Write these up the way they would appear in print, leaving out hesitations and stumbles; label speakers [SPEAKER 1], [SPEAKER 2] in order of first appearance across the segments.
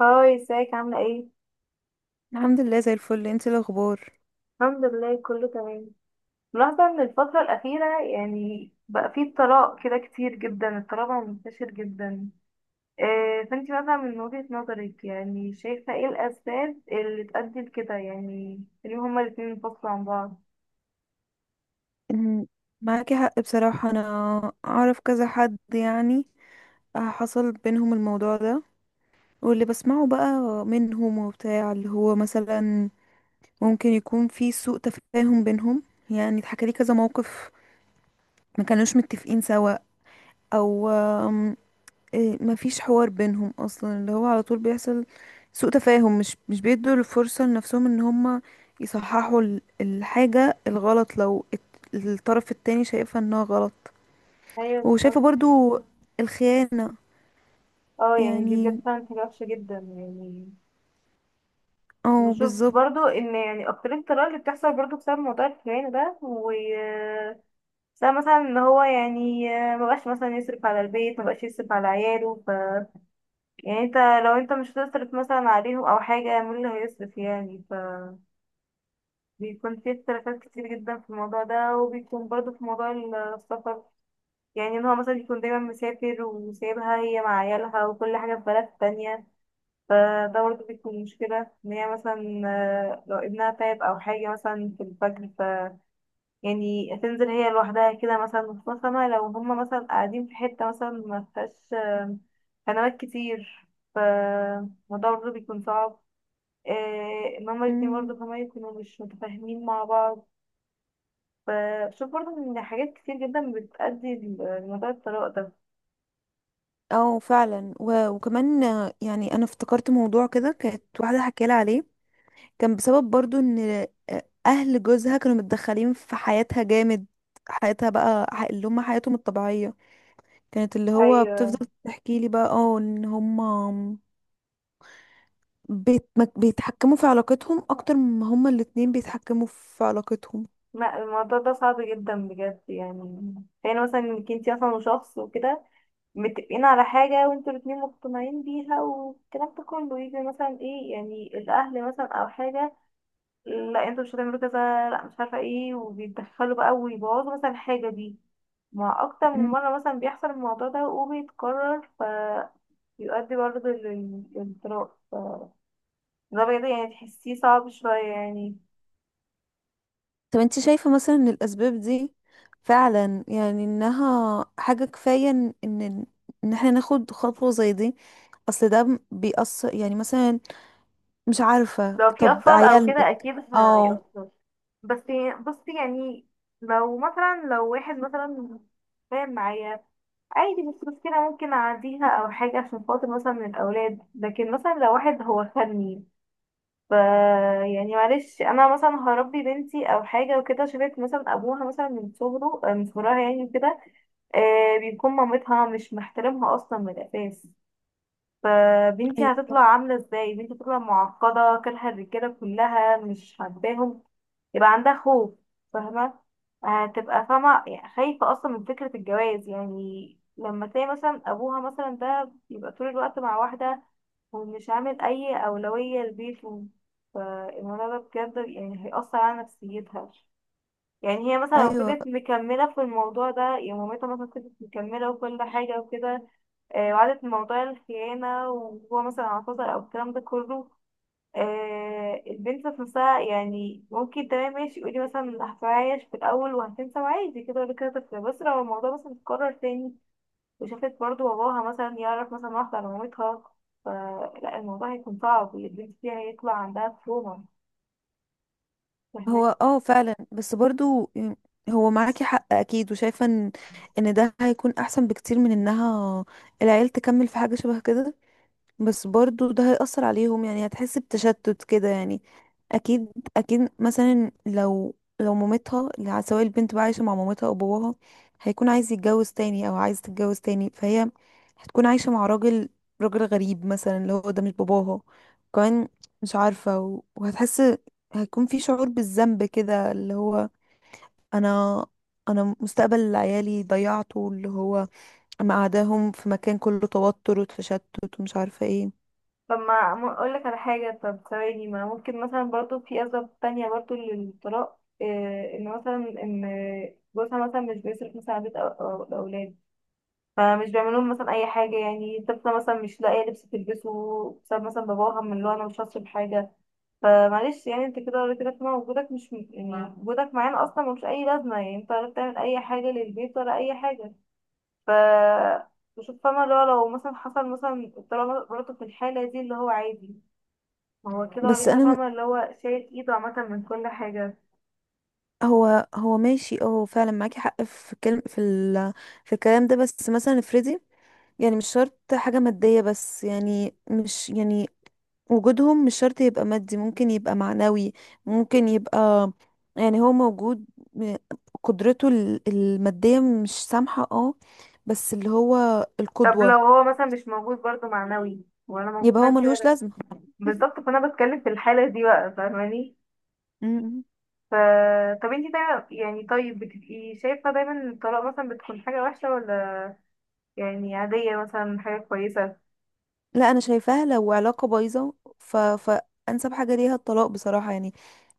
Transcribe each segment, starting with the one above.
[SPEAKER 1] هاي، ازيك؟ عاملة ايه؟
[SPEAKER 2] الحمد لله زي الفل. انت إيه الاخبار؟
[SPEAKER 1] الحمد لله، كله تمام. ملاحظة ان الفترة الأخيرة يعني بقى فيه طلاق كده كتير جدا، الطلاق بقى منتشر جدا. إيه، فانتي مثلا من وجهة نظرك يعني شايفة ايه الأسباب اللي تؤدي لكده؟ يعني ان هما الاتنين ينفصلوا عن بعض.
[SPEAKER 2] أمم، معاكي حق بصراحة. انا اعرف كذا حد يعني حصل بينهم الموضوع ده، واللي بسمعه بقى منهم وبتاع اللي هو مثلا ممكن يكون في سوء تفاهم بينهم. يعني اتحكى لي كذا موقف ما كانوش متفقين سوا، او مفيش حوار بينهم اصلا، اللي هو على طول بيحصل سوء تفاهم. مش بيدوا الفرصة لنفسهم ان هما يصححوا الحاجة الغلط، لو الطرف التاني شايفها انها غلط.
[SPEAKER 1] ايوه،
[SPEAKER 2] وشايفة
[SPEAKER 1] بالظبط.
[SPEAKER 2] برضو الخيانة.
[SPEAKER 1] اه، يعني دي
[SPEAKER 2] يعني
[SPEAKER 1] بجد فعلا حاجة وحشة جدا يعني.
[SPEAKER 2] اه
[SPEAKER 1] بشوف
[SPEAKER 2] بالظبط.
[SPEAKER 1] برضو ان يعني اكتر الطلاق اللي بتحصل برضو بسبب موضوع الخيانة ده. بس أنا مثلا ان هو يعني مبقاش مثلا يصرف على البيت، مبقاش يصرف على عياله. يعني انت، لو انت مش هتصرف مثلا عليهم او حاجة، مين اللي هيصرف يعني؟ فبيكون في اختلافات كتير جدا في الموضوع ده، وبيكون برضه في موضوع السفر. يعني ان هو مثلا بيكون دايما مسافر وسايبها هي مع عيالها وكل حاجة في بلد تانية، فده برضه بيكون مشكلة. ان هي مثلا لو ابنها تعب او حاجة مثلا في الفجر، يعني تنزل هي لوحدها كده مثلا مختصمة، لو هما مثلا قاعدين في حتة مثلا ما فيهاش قنوات كتير، فالموضوع برضه بيكون صعب. ان هما الاتنين
[SPEAKER 2] مم.
[SPEAKER 1] برضه كمان يكونوا مش متفاهمين مع بعض. فشوف برضه ان حاجات كتير جدا بتأدي لموضوع الطلاق ده.
[SPEAKER 2] اه فعلا، وكمان يعني انا افتكرت موضوع كده كانت واحده حكالي عليه. كان بسبب برضو ان اهل جوزها كانوا متدخلين في حياتها جامد، حياتها بقى، اللي هم حياتهم الطبيعيه، كانت اللي هو
[SPEAKER 1] ايوه.
[SPEAKER 2] بتفضل تحكي لي بقى ان هما بيتحكموا في علاقتهم اكتر ما هما الاتنين بيتحكموا في علاقتهم.
[SPEAKER 1] ما الموضوع ده صعب جدا بجد يعني. يعني مثلا انك انتي اصلا شخص وكده متفقين على حاجة، وانتوا الاتنين مقتنعين بيها، والكلام ده كله يجي مثلا ايه؟ يعني الأهل مثلا أو حاجة، لا انتوا مش هتعملوا كذا، لا مش عارفة ايه، وبيتدخلوا بقى ويبوظوا مثلا الحاجة دي، مع أكتر من
[SPEAKER 2] مم.
[SPEAKER 1] مرة مثلا بيحصل الموضوع ده وبيتكرر، فيؤدي برضه للانطلاق. فده بجد يعني تحسيه صعب شوية يعني.
[SPEAKER 2] طب انت شايفة مثلا ان الاسباب دي فعلا يعني انها حاجة كفاية ان ان إن احنا ناخد خطوة زي دي؟ اصل ده بيأثر يعني مثلا، مش عارفة.
[SPEAKER 1] لو في
[SPEAKER 2] طب
[SPEAKER 1] أطفال أو كده
[SPEAKER 2] عيالك
[SPEAKER 1] أكيد هيأثر، بس بصي يعني، لو مثلا لو واحد مثلا فاهم معايا، عادي مش مشكلة، ممكن أعديها أو حاجة عشان خاطر مثلا من الأولاد. لكن مثلا لو واحد هو خدني، ف يعني معلش أنا مثلا هربي بنتي أو حاجة وكده، شافت مثلا أبوها مثلا من صغرها يعني كده بيكون مامتها مش محترمها أصلا من الأساس، فبنتي
[SPEAKER 2] ايوه
[SPEAKER 1] هتطلع
[SPEAKER 2] صح.
[SPEAKER 1] عاملة ازاي؟ بنتي تطلع معقدة، كارهة الرجالة كلها، مش حباهم، يبقى عندها خوف. فاهمة؟ هتبقى فاهمة يعني خايفة أصلا من فكرة الجواز، يعني لما تلاقي مثلا أبوها مثلا ده يبقى طول الوقت مع واحدة ومش عامل أي أولوية لبيته، فالموضوع ده بجد يعني هيأثر على نفسيتها. يعني هي مثلا لو
[SPEAKER 2] ايوه.
[SPEAKER 1] فضلت مكملة في الموضوع ده، يعني مامتها مثلا فضلت مكملة وكل حاجة وكده، وقعدت من موضوع الخيانة وهو مثلا اعتذر أو الكلام ده كله، البنت ذات نفسها يعني ممكن تمام ماشي يقولي مثلا هتعايش في الأول وهتنسى وعادي كده ولا كده، طفلة. بس لو الموضوع مثلا اتكرر تاني وشافت برضه باباها مثلا يعرف مثلا واحدة على مامتها، فلا، الموضوع هيكون صعب، البنت دي هيطلع عندها تروما.
[SPEAKER 2] هو
[SPEAKER 1] فاهماني؟
[SPEAKER 2] فعلا، بس برضو يعني هو معاكي حق اكيد. وشايفه ان ده هيكون احسن بكتير من انها العيال تكمل في حاجه شبه كده. بس برضو ده هيأثر عليهم يعني، هتحس بتشتت كده يعني. اكيد. اكيد مثلا لو مامتها، اللي سواء البنت بقى عايشة مع مامتها او باباها، هيكون عايز يتجوز تاني او عايز تتجوز تاني، فهي هتكون عايشة مع راجل غريب مثلا، اللي هو ده مش باباها. كمان مش عارفة وهتحس هيكون في شعور بالذنب، كده اللي هو انا انا مستقبل عيالي ضيعته، اللي هو مقعداهم في مكان كله توتر وتشتت ومش عارفة ايه.
[SPEAKER 1] طب ما اقول لك على حاجه، طب ثواني، ما ممكن مثلا برضو في اسباب تانية برضو للطلاق، إيه، ان مثلا ان جوزها مثلا مش بيصرف مثلا على بيت الاولاد، فمش بيعمل لهم مثلا اي حاجه، يعني طفله مثلا مش لاقيه لبس تلبسه بسبب مثلا باباها، من اللي هو انا مش هصرف حاجه، فمعلش يعني انت كده قلت لك وجودك مش يعني وجودك معانا اصلا ملوش اي لازمه، يعني انت ولا بتعمل اي حاجه للبيت ولا اي حاجه. ف بشوف فاهمة اللي هو لو مثلا حصل مثلا الطلاق برضه في الحالة دي اللي هو عادي، ما هو كده ولا
[SPEAKER 2] بس
[SPEAKER 1] كده،
[SPEAKER 2] انا
[SPEAKER 1] فاهمة اللي هو شايل ايده عامة من كل حاجة.
[SPEAKER 2] هو ماشي هو فعلا معاكي حق في الكلم، في الكلام ده. بس مثلا افرضي، يعني مش شرط حاجة مادية، بس يعني مش يعني وجودهم مش شرط يبقى مادي، ممكن يبقى معنوي. ممكن يبقى يعني هو موجود، م- قدرته المادية مش سامحة بس اللي هو
[SPEAKER 1] طب
[SPEAKER 2] القدوة.
[SPEAKER 1] لو هو مثلا مش موجود برضه معنوي ولا موجود
[SPEAKER 2] يبقى هو
[SPEAKER 1] مادي
[SPEAKER 2] ملهوش
[SPEAKER 1] ولا،
[SPEAKER 2] لازمة.
[SPEAKER 1] بالظبط، فانا بتكلم في الحالة دي بقى. فاهماني؟
[SPEAKER 2] م-
[SPEAKER 1] ف طب انتي دايما يعني طيب بتبقي شايفة دايما ان الطلاق مثلا بتكون حاجة وحشة، ولا يعني عادية مثلا حاجة كويسة؟
[SPEAKER 2] لا انا شايفاها لو علاقة بايظة، فانسب حاجة ليها الطلاق بصراحة يعني.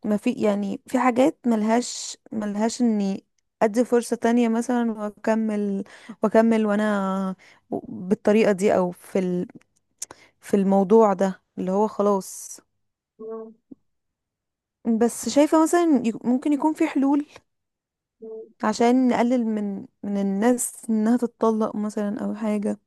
[SPEAKER 2] ما في يعني في حاجات ملهاش اني ادي فرصة تانية مثلا واكمل وانا بالطريقة دي، او في في الموضوع ده اللي هو خلاص.
[SPEAKER 1] مم.
[SPEAKER 2] بس شايفة مثلا ممكن يكون في حلول عشان نقلل من الناس انها تتطلق مثلا او حاجة.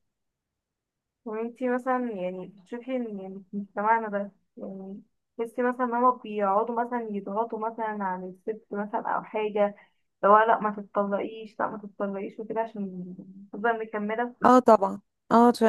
[SPEAKER 1] وانتي مثلا يعني بتشوفي ان يعني في مجتمعنا ده، يعني تحسي مثلا ان هما بيقعدوا مثلا يضغطوا مثلا على الست مثلا او حاجة، لو لا ما تتطلقيش، لا ما تتطلقيش وكده، عشان تفضل مكملة؟
[SPEAKER 2] اه طبعا، اه عشان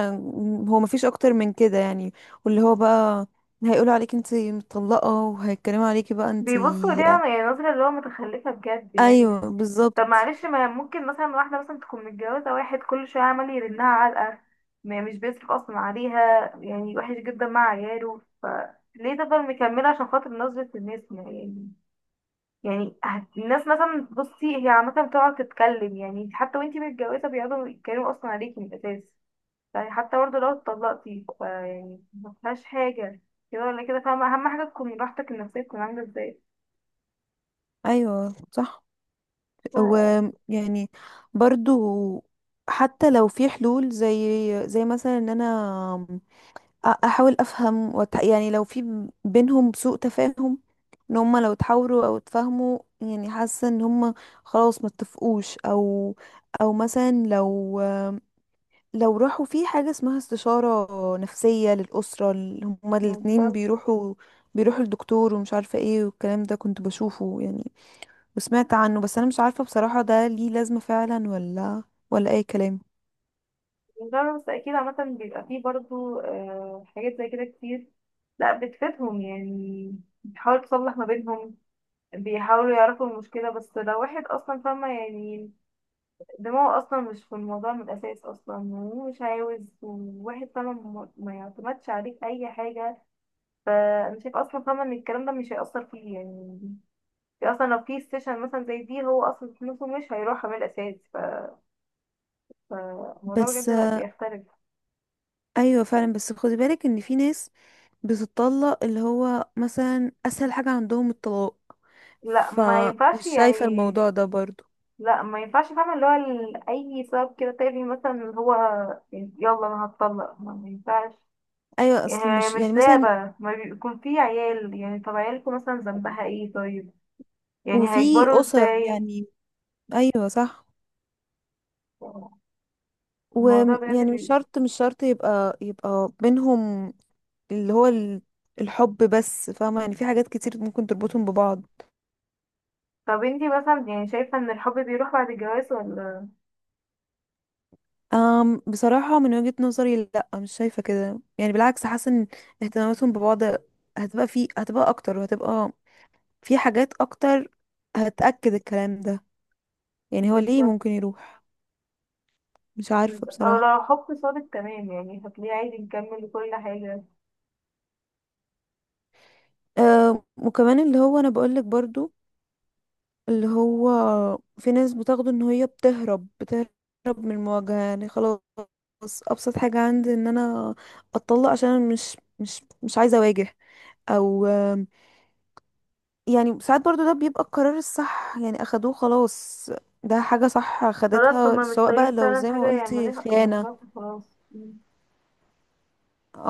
[SPEAKER 2] هو مفيش اكتر من كده يعني، واللي هو بقى هيقولوا عليك انتي مطلقة وهيتكلموا عليكي بقى انتي.
[SPEAKER 1] بيبصوا ليها يعني نظرة اللي هو متخلفة بجد
[SPEAKER 2] ايوه
[SPEAKER 1] يعني. طب
[SPEAKER 2] بالظبط.
[SPEAKER 1] معلش، ما ممكن مثلا واحدة مثلا تكون متجوزة واحد كل شوية عمال يرنها علقة، مش بيصرف أصلا عليها، يعني وحش جدا مع عياله، فليه تفضل مكملة عشان خاطر نظرة الناس؟ ما يعني، يعني الناس مثلا، بصي هي عامة بتقعد تتكلم، يعني حتى وانتي متجوزة بيقعدوا يتكلموا أصلا عليكي من الأساس، يعني حتى برضه لو اتطلقتي يعني مفيهاش حاجة. كده ولا كده، فاهمة أهم حاجة تكون راحتك النفسية تكون عاملة ازاي.
[SPEAKER 2] ايوه صح. ويعني برضو حتى لو في حلول، زي مثلا ان انا احاول افهم، يعني لو في بينهم سوء تفاهم، ان هما لو اتحاوروا او اتفاهموا، يعني حاسه ان هما خلاص ما اتفقوش، او مثلا لو راحوا في حاجه اسمها استشاره نفسيه للاسره، هما الاتنين
[SPEAKER 1] بالظبط.
[SPEAKER 2] بيروحوا، الدكتور ومش عارفه ايه. والكلام ده كنت بشوفه يعني وسمعت عنه، بس انا مش عارفه بصراحه ده ليه لازمه فعلا ولا اي كلام.
[SPEAKER 1] بالظبط، بس أكيد عامة بيبقى فيه برضه حاجات زي كده كتير، لأ بتفيدهم يعني، بتحاول تصلح ما بينهم، بيحاولوا يعرفوا المشكلة. بس لو واحد أصلا فاهمة يعني دماغه أصلا مش في الموضوع من الأساس أصلا ومش عاوز، وواحد فاهمة ما يعتمدش عليك أي حاجة، فأنا شايفة أصلا فاهمة إن الكلام ده مش هيأثر فيه يعني، في اصلا لو في سيشن مثلا زي دي هو اصلا فلوسه مش هيروح عمل اساسي فالموضوع
[SPEAKER 2] بس
[SPEAKER 1] بجد لا، بيختلف.
[SPEAKER 2] ايوه فعلا، بس خدي بالك ان في ناس بتطلق اللي هو مثلا اسهل حاجة عندهم الطلاق،
[SPEAKER 1] لا ما
[SPEAKER 2] فمش
[SPEAKER 1] ينفعش
[SPEAKER 2] شايفة
[SPEAKER 1] يعني.
[SPEAKER 2] الموضوع ده برضو.
[SPEAKER 1] لا ما ينفعش، فاهمة اللي هو اي سبب كده تافه مثلا، اللي هو يلا انا هتطلق، ما ينفعش.
[SPEAKER 2] ايوه
[SPEAKER 1] يعني
[SPEAKER 2] اصل
[SPEAKER 1] هي
[SPEAKER 2] مش يعني
[SPEAKER 1] مش
[SPEAKER 2] مثلا،
[SPEAKER 1] لعبة، ما بيكون في عيال يعني، طب عيالكم مثلا ذنبها ايه طيب؟ يعني
[SPEAKER 2] وفي
[SPEAKER 1] هيكبروا
[SPEAKER 2] اسر
[SPEAKER 1] ازاي؟
[SPEAKER 2] يعني. ايوه صح.
[SPEAKER 1] الموضوع بجد
[SPEAKER 2] ويعني مش شرط مش شرط يبقى بينهم اللي هو ال- الحب، بس فاهمة يعني في حاجات كتير ممكن تربطهم ببعض.
[SPEAKER 1] طب انتي مثلا يعني شايفة ان الحب بيروح بعد الجواز ولا؟
[SPEAKER 2] بصراحة من وجهة نظري لا، مش شايفة كده يعني. بالعكس حاسة ان اهتماماتهم ببعض هتبقى اكتر، وهتبقى في حاجات اكتر هتأكد الكلام ده. يعني هو ليه
[SPEAKER 1] بالظبط،
[SPEAKER 2] ممكن يروح؟ مش
[SPEAKER 1] بس
[SPEAKER 2] عارفة بصراحة.
[SPEAKER 1] لو حب صادق تمام يعني هتلاقيه عادي، نكمل كل حاجة.
[SPEAKER 2] أه وكمان اللي هو انا بقولك برضو اللي هو في ناس بتاخده ان هي بتهرب من المواجهة، يعني خلاص ابسط حاجة عندي ان انا اتطلق عشان أنا مش عايزة اواجه، او يعني ساعات برضو ده بيبقى القرار الصح، يعني اخدوه خلاص. ده حاجة صح
[SPEAKER 1] خلاص
[SPEAKER 2] خدتها،
[SPEAKER 1] هما مش
[SPEAKER 2] سواء بقى
[SPEAKER 1] طايقين
[SPEAKER 2] لو
[SPEAKER 1] فعلا،
[SPEAKER 2] زي
[SPEAKER 1] حاجة
[SPEAKER 2] ما قلتي
[SPEAKER 1] يعملوها
[SPEAKER 2] خيانة،
[SPEAKER 1] يعملوها، خلاص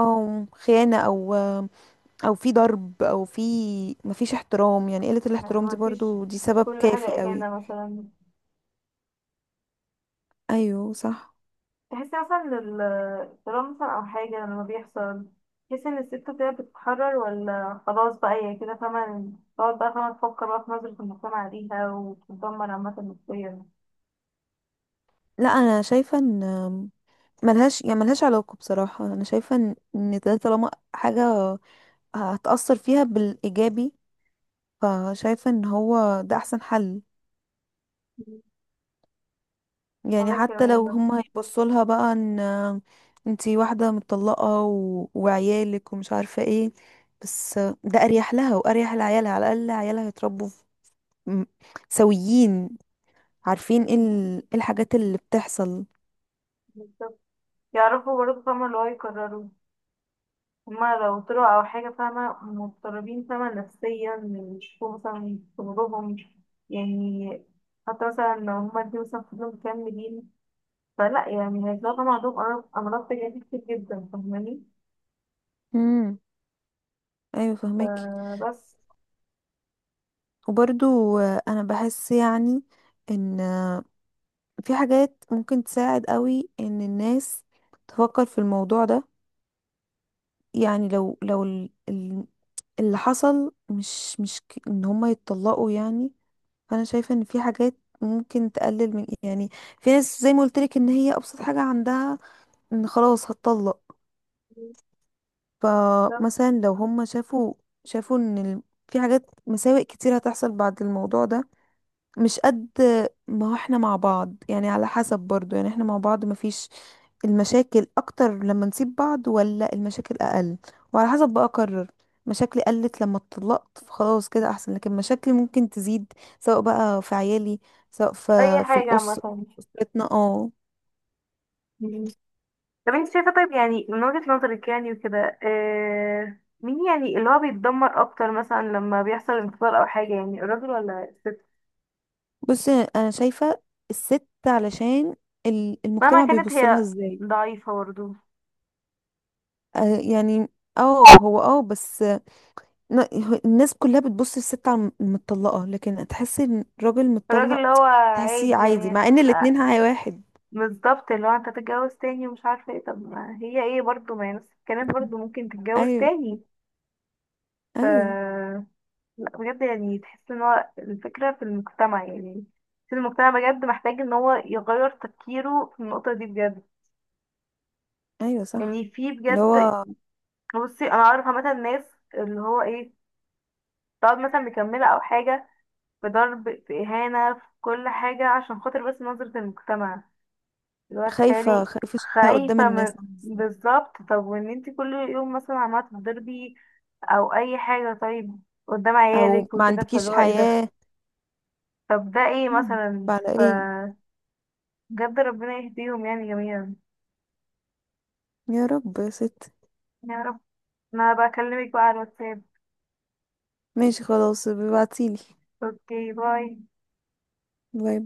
[SPEAKER 2] او خيانة، او في ضرب، او في مفيش احترام. يعني قلة الاحترام دي
[SPEAKER 1] ما فيش،
[SPEAKER 2] برضو دي سبب
[SPEAKER 1] كل حاجة
[SPEAKER 2] كافي قوي.
[SPEAKER 1] أكيدة مثلا.
[SPEAKER 2] ايوه صح.
[SPEAKER 1] تحسي مثلا إن الطلاق مثلا أو حاجة لما بيحصل، تحسي إن الست كده بتتحرر، ولا خلاص بقى هي كده فاهمة تقعد بقى فاهمة تفكر بقى في نظرة المجتمع ليها وتتدمر عامة نفسيا؟
[SPEAKER 2] لا انا شايفة ان ملهاش يعني ملهاش علاقة بصراحة. انا شايفة ان ده طالما حاجة هتأثر فيها بالايجابي، فشايفة ان هو ده احسن حل. يعني
[SPEAKER 1] وأنا
[SPEAKER 2] حتى
[SPEAKER 1] كمان
[SPEAKER 2] لو
[SPEAKER 1] برضه.
[SPEAKER 2] هما هيبصوا لها بقى ان انتي واحدة متطلقة وعيالك ومش عارفة ايه، بس ده اريح لها واريح لعيالها. على الاقل عيالها هيتربوا م- سويين، عارفين إيه الحاجات اللي بتحصل.
[SPEAKER 1] بالظبط. يعرفوا برضه فاهمة اللي هو يكرروا، هما لو طلعوا أو حاجة فاهمة مضطربين فاهمة نفسيا، يشوفوا مثلا شغلهم يعني. حتى مثلا لو هما الاتنين مثلا فضلوا مكملين، فلا يعني هيطلعوا طبعا عندهم أمراض، أمراض تجارية كتير جدا. فاهماني؟
[SPEAKER 2] امم ايوه فهمك.
[SPEAKER 1] فبس.
[SPEAKER 2] وبرضو انا بحس يعني ان في حاجات ممكن تساعد قوي ان الناس تفكر في الموضوع ده. يعني لو اللي حصل مش ان هما يتطلقوا يعني. فانا شايفه ان في حاجات ممكن تقلل من يعني في ناس، زي ما قلت لك، ان هي ابسط حاجه عندها ان خلاص هتطلق.
[SPEAKER 1] ده
[SPEAKER 2] فمثلا لو هم شافوا في حاجات مساوئ كتير هتحصل بعد الموضوع ده، مش قد ما هو احنا مع بعض. يعني على حسب برضو يعني، احنا مع بعض مفيش المشاكل اكتر لما نسيب بعض، ولا المشاكل اقل، وعلى حسب بقى اقرر. مشاكلي قلت لما اتطلقت فخلاص كده احسن، لكن مشاكلي ممكن تزيد سواء بقى في عيالي، سواء
[SPEAKER 1] أي
[SPEAKER 2] في
[SPEAKER 1] حاجة عامة.
[SPEAKER 2] أسرتنا
[SPEAKER 1] مم. طب انت شايفة طيب يعني من وجهة نظرك يعني وكده، مين يعني اللي هو بيتدمر أكتر مثلا لما بيحصل انفصال أو حاجة، يعني الراجل ولا الست؟
[SPEAKER 2] بصي انا شايفة الست، علشان
[SPEAKER 1] مهما
[SPEAKER 2] المجتمع
[SPEAKER 1] كانت
[SPEAKER 2] بيبص لها
[SPEAKER 1] هي
[SPEAKER 2] ازاي.
[SPEAKER 1] ضعيفة برضه،
[SPEAKER 2] يعني اه هو بس ن- الناس كلها بتبص للست على المطلقة، لكن تحسي ان الراجل
[SPEAKER 1] الراجل
[SPEAKER 2] متطلق
[SPEAKER 1] اللي هو
[SPEAKER 2] تحسيه
[SPEAKER 1] عادي
[SPEAKER 2] عادي،
[SPEAKER 1] يعني.
[SPEAKER 2] مع ان
[SPEAKER 1] آه،
[SPEAKER 2] الاتنين هاي واحد.
[SPEAKER 1] بالظبط، اللي هو انت تتجوز تاني ومش عارفه ايه، طب ما هي ايه برضو؟ ما هي نفس الكلام، برضو ممكن تتجوز
[SPEAKER 2] ايوه.
[SPEAKER 1] تاني. ف
[SPEAKER 2] ايوه.
[SPEAKER 1] لا بجد يعني تحس ان هو الفكره في المجتمع يعني، في المجتمع بجد محتاج ان هو يغير تفكيره في النقطه دي بجد.
[SPEAKER 2] ايوه صح.
[SPEAKER 1] يعني في
[SPEAKER 2] اللي
[SPEAKER 1] بجد.
[SPEAKER 2] هو
[SPEAKER 1] بصي انا عارفه مثلا ناس اللي هو ايه، تقعد مثلا مكمله او حاجه، في ضرب، في اهانه، في كل حاجه عشان خاطر بس نظره المجتمع، الواد
[SPEAKER 2] خايفة
[SPEAKER 1] خالي،
[SPEAKER 2] خايفة شكلها قدام
[SPEAKER 1] خايفة
[SPEAKER 2] الناس
[SPEAKER 1] من،
[SPEAKER 2] عامل ازاي،
[SPEAKER 1] بالظبط. طب وان انت كل يوم مثلا عمالة تضربي او اي حاجة طيب قدام
[SPEAKER 2] او
[SPEAKER 1] عيالك
[SPEAKER 2] ما
[SPEAKER 1] وكده، فاللي
[SPEAKER 2] عندكيش
[SPEAKER 1] هو ايه ده؟
[SPEAKER 2] حياة.
[SPEAKER 1] طب ده ايه
[SPEAKER 2] مم.
[SPEAKER 1] مثلا؟
[SPEAKER 2] فعلى
[SPEAKER 1] ف
[SPEAKER 2] ايه؟
[SPEAKER 1] بجد ربنا يهديهم يعني جميعا.
[SPEAKER 2] يا رب يا ست.
[SPEAKER 1] يا رب. انا بكلمك بقى على الواتساب.
[SPEAKER 2] ماشي خلاص، ابعتيلي.
[SPEAKER 1] اوكي، باي.
[SPEAKER 2] باي باي.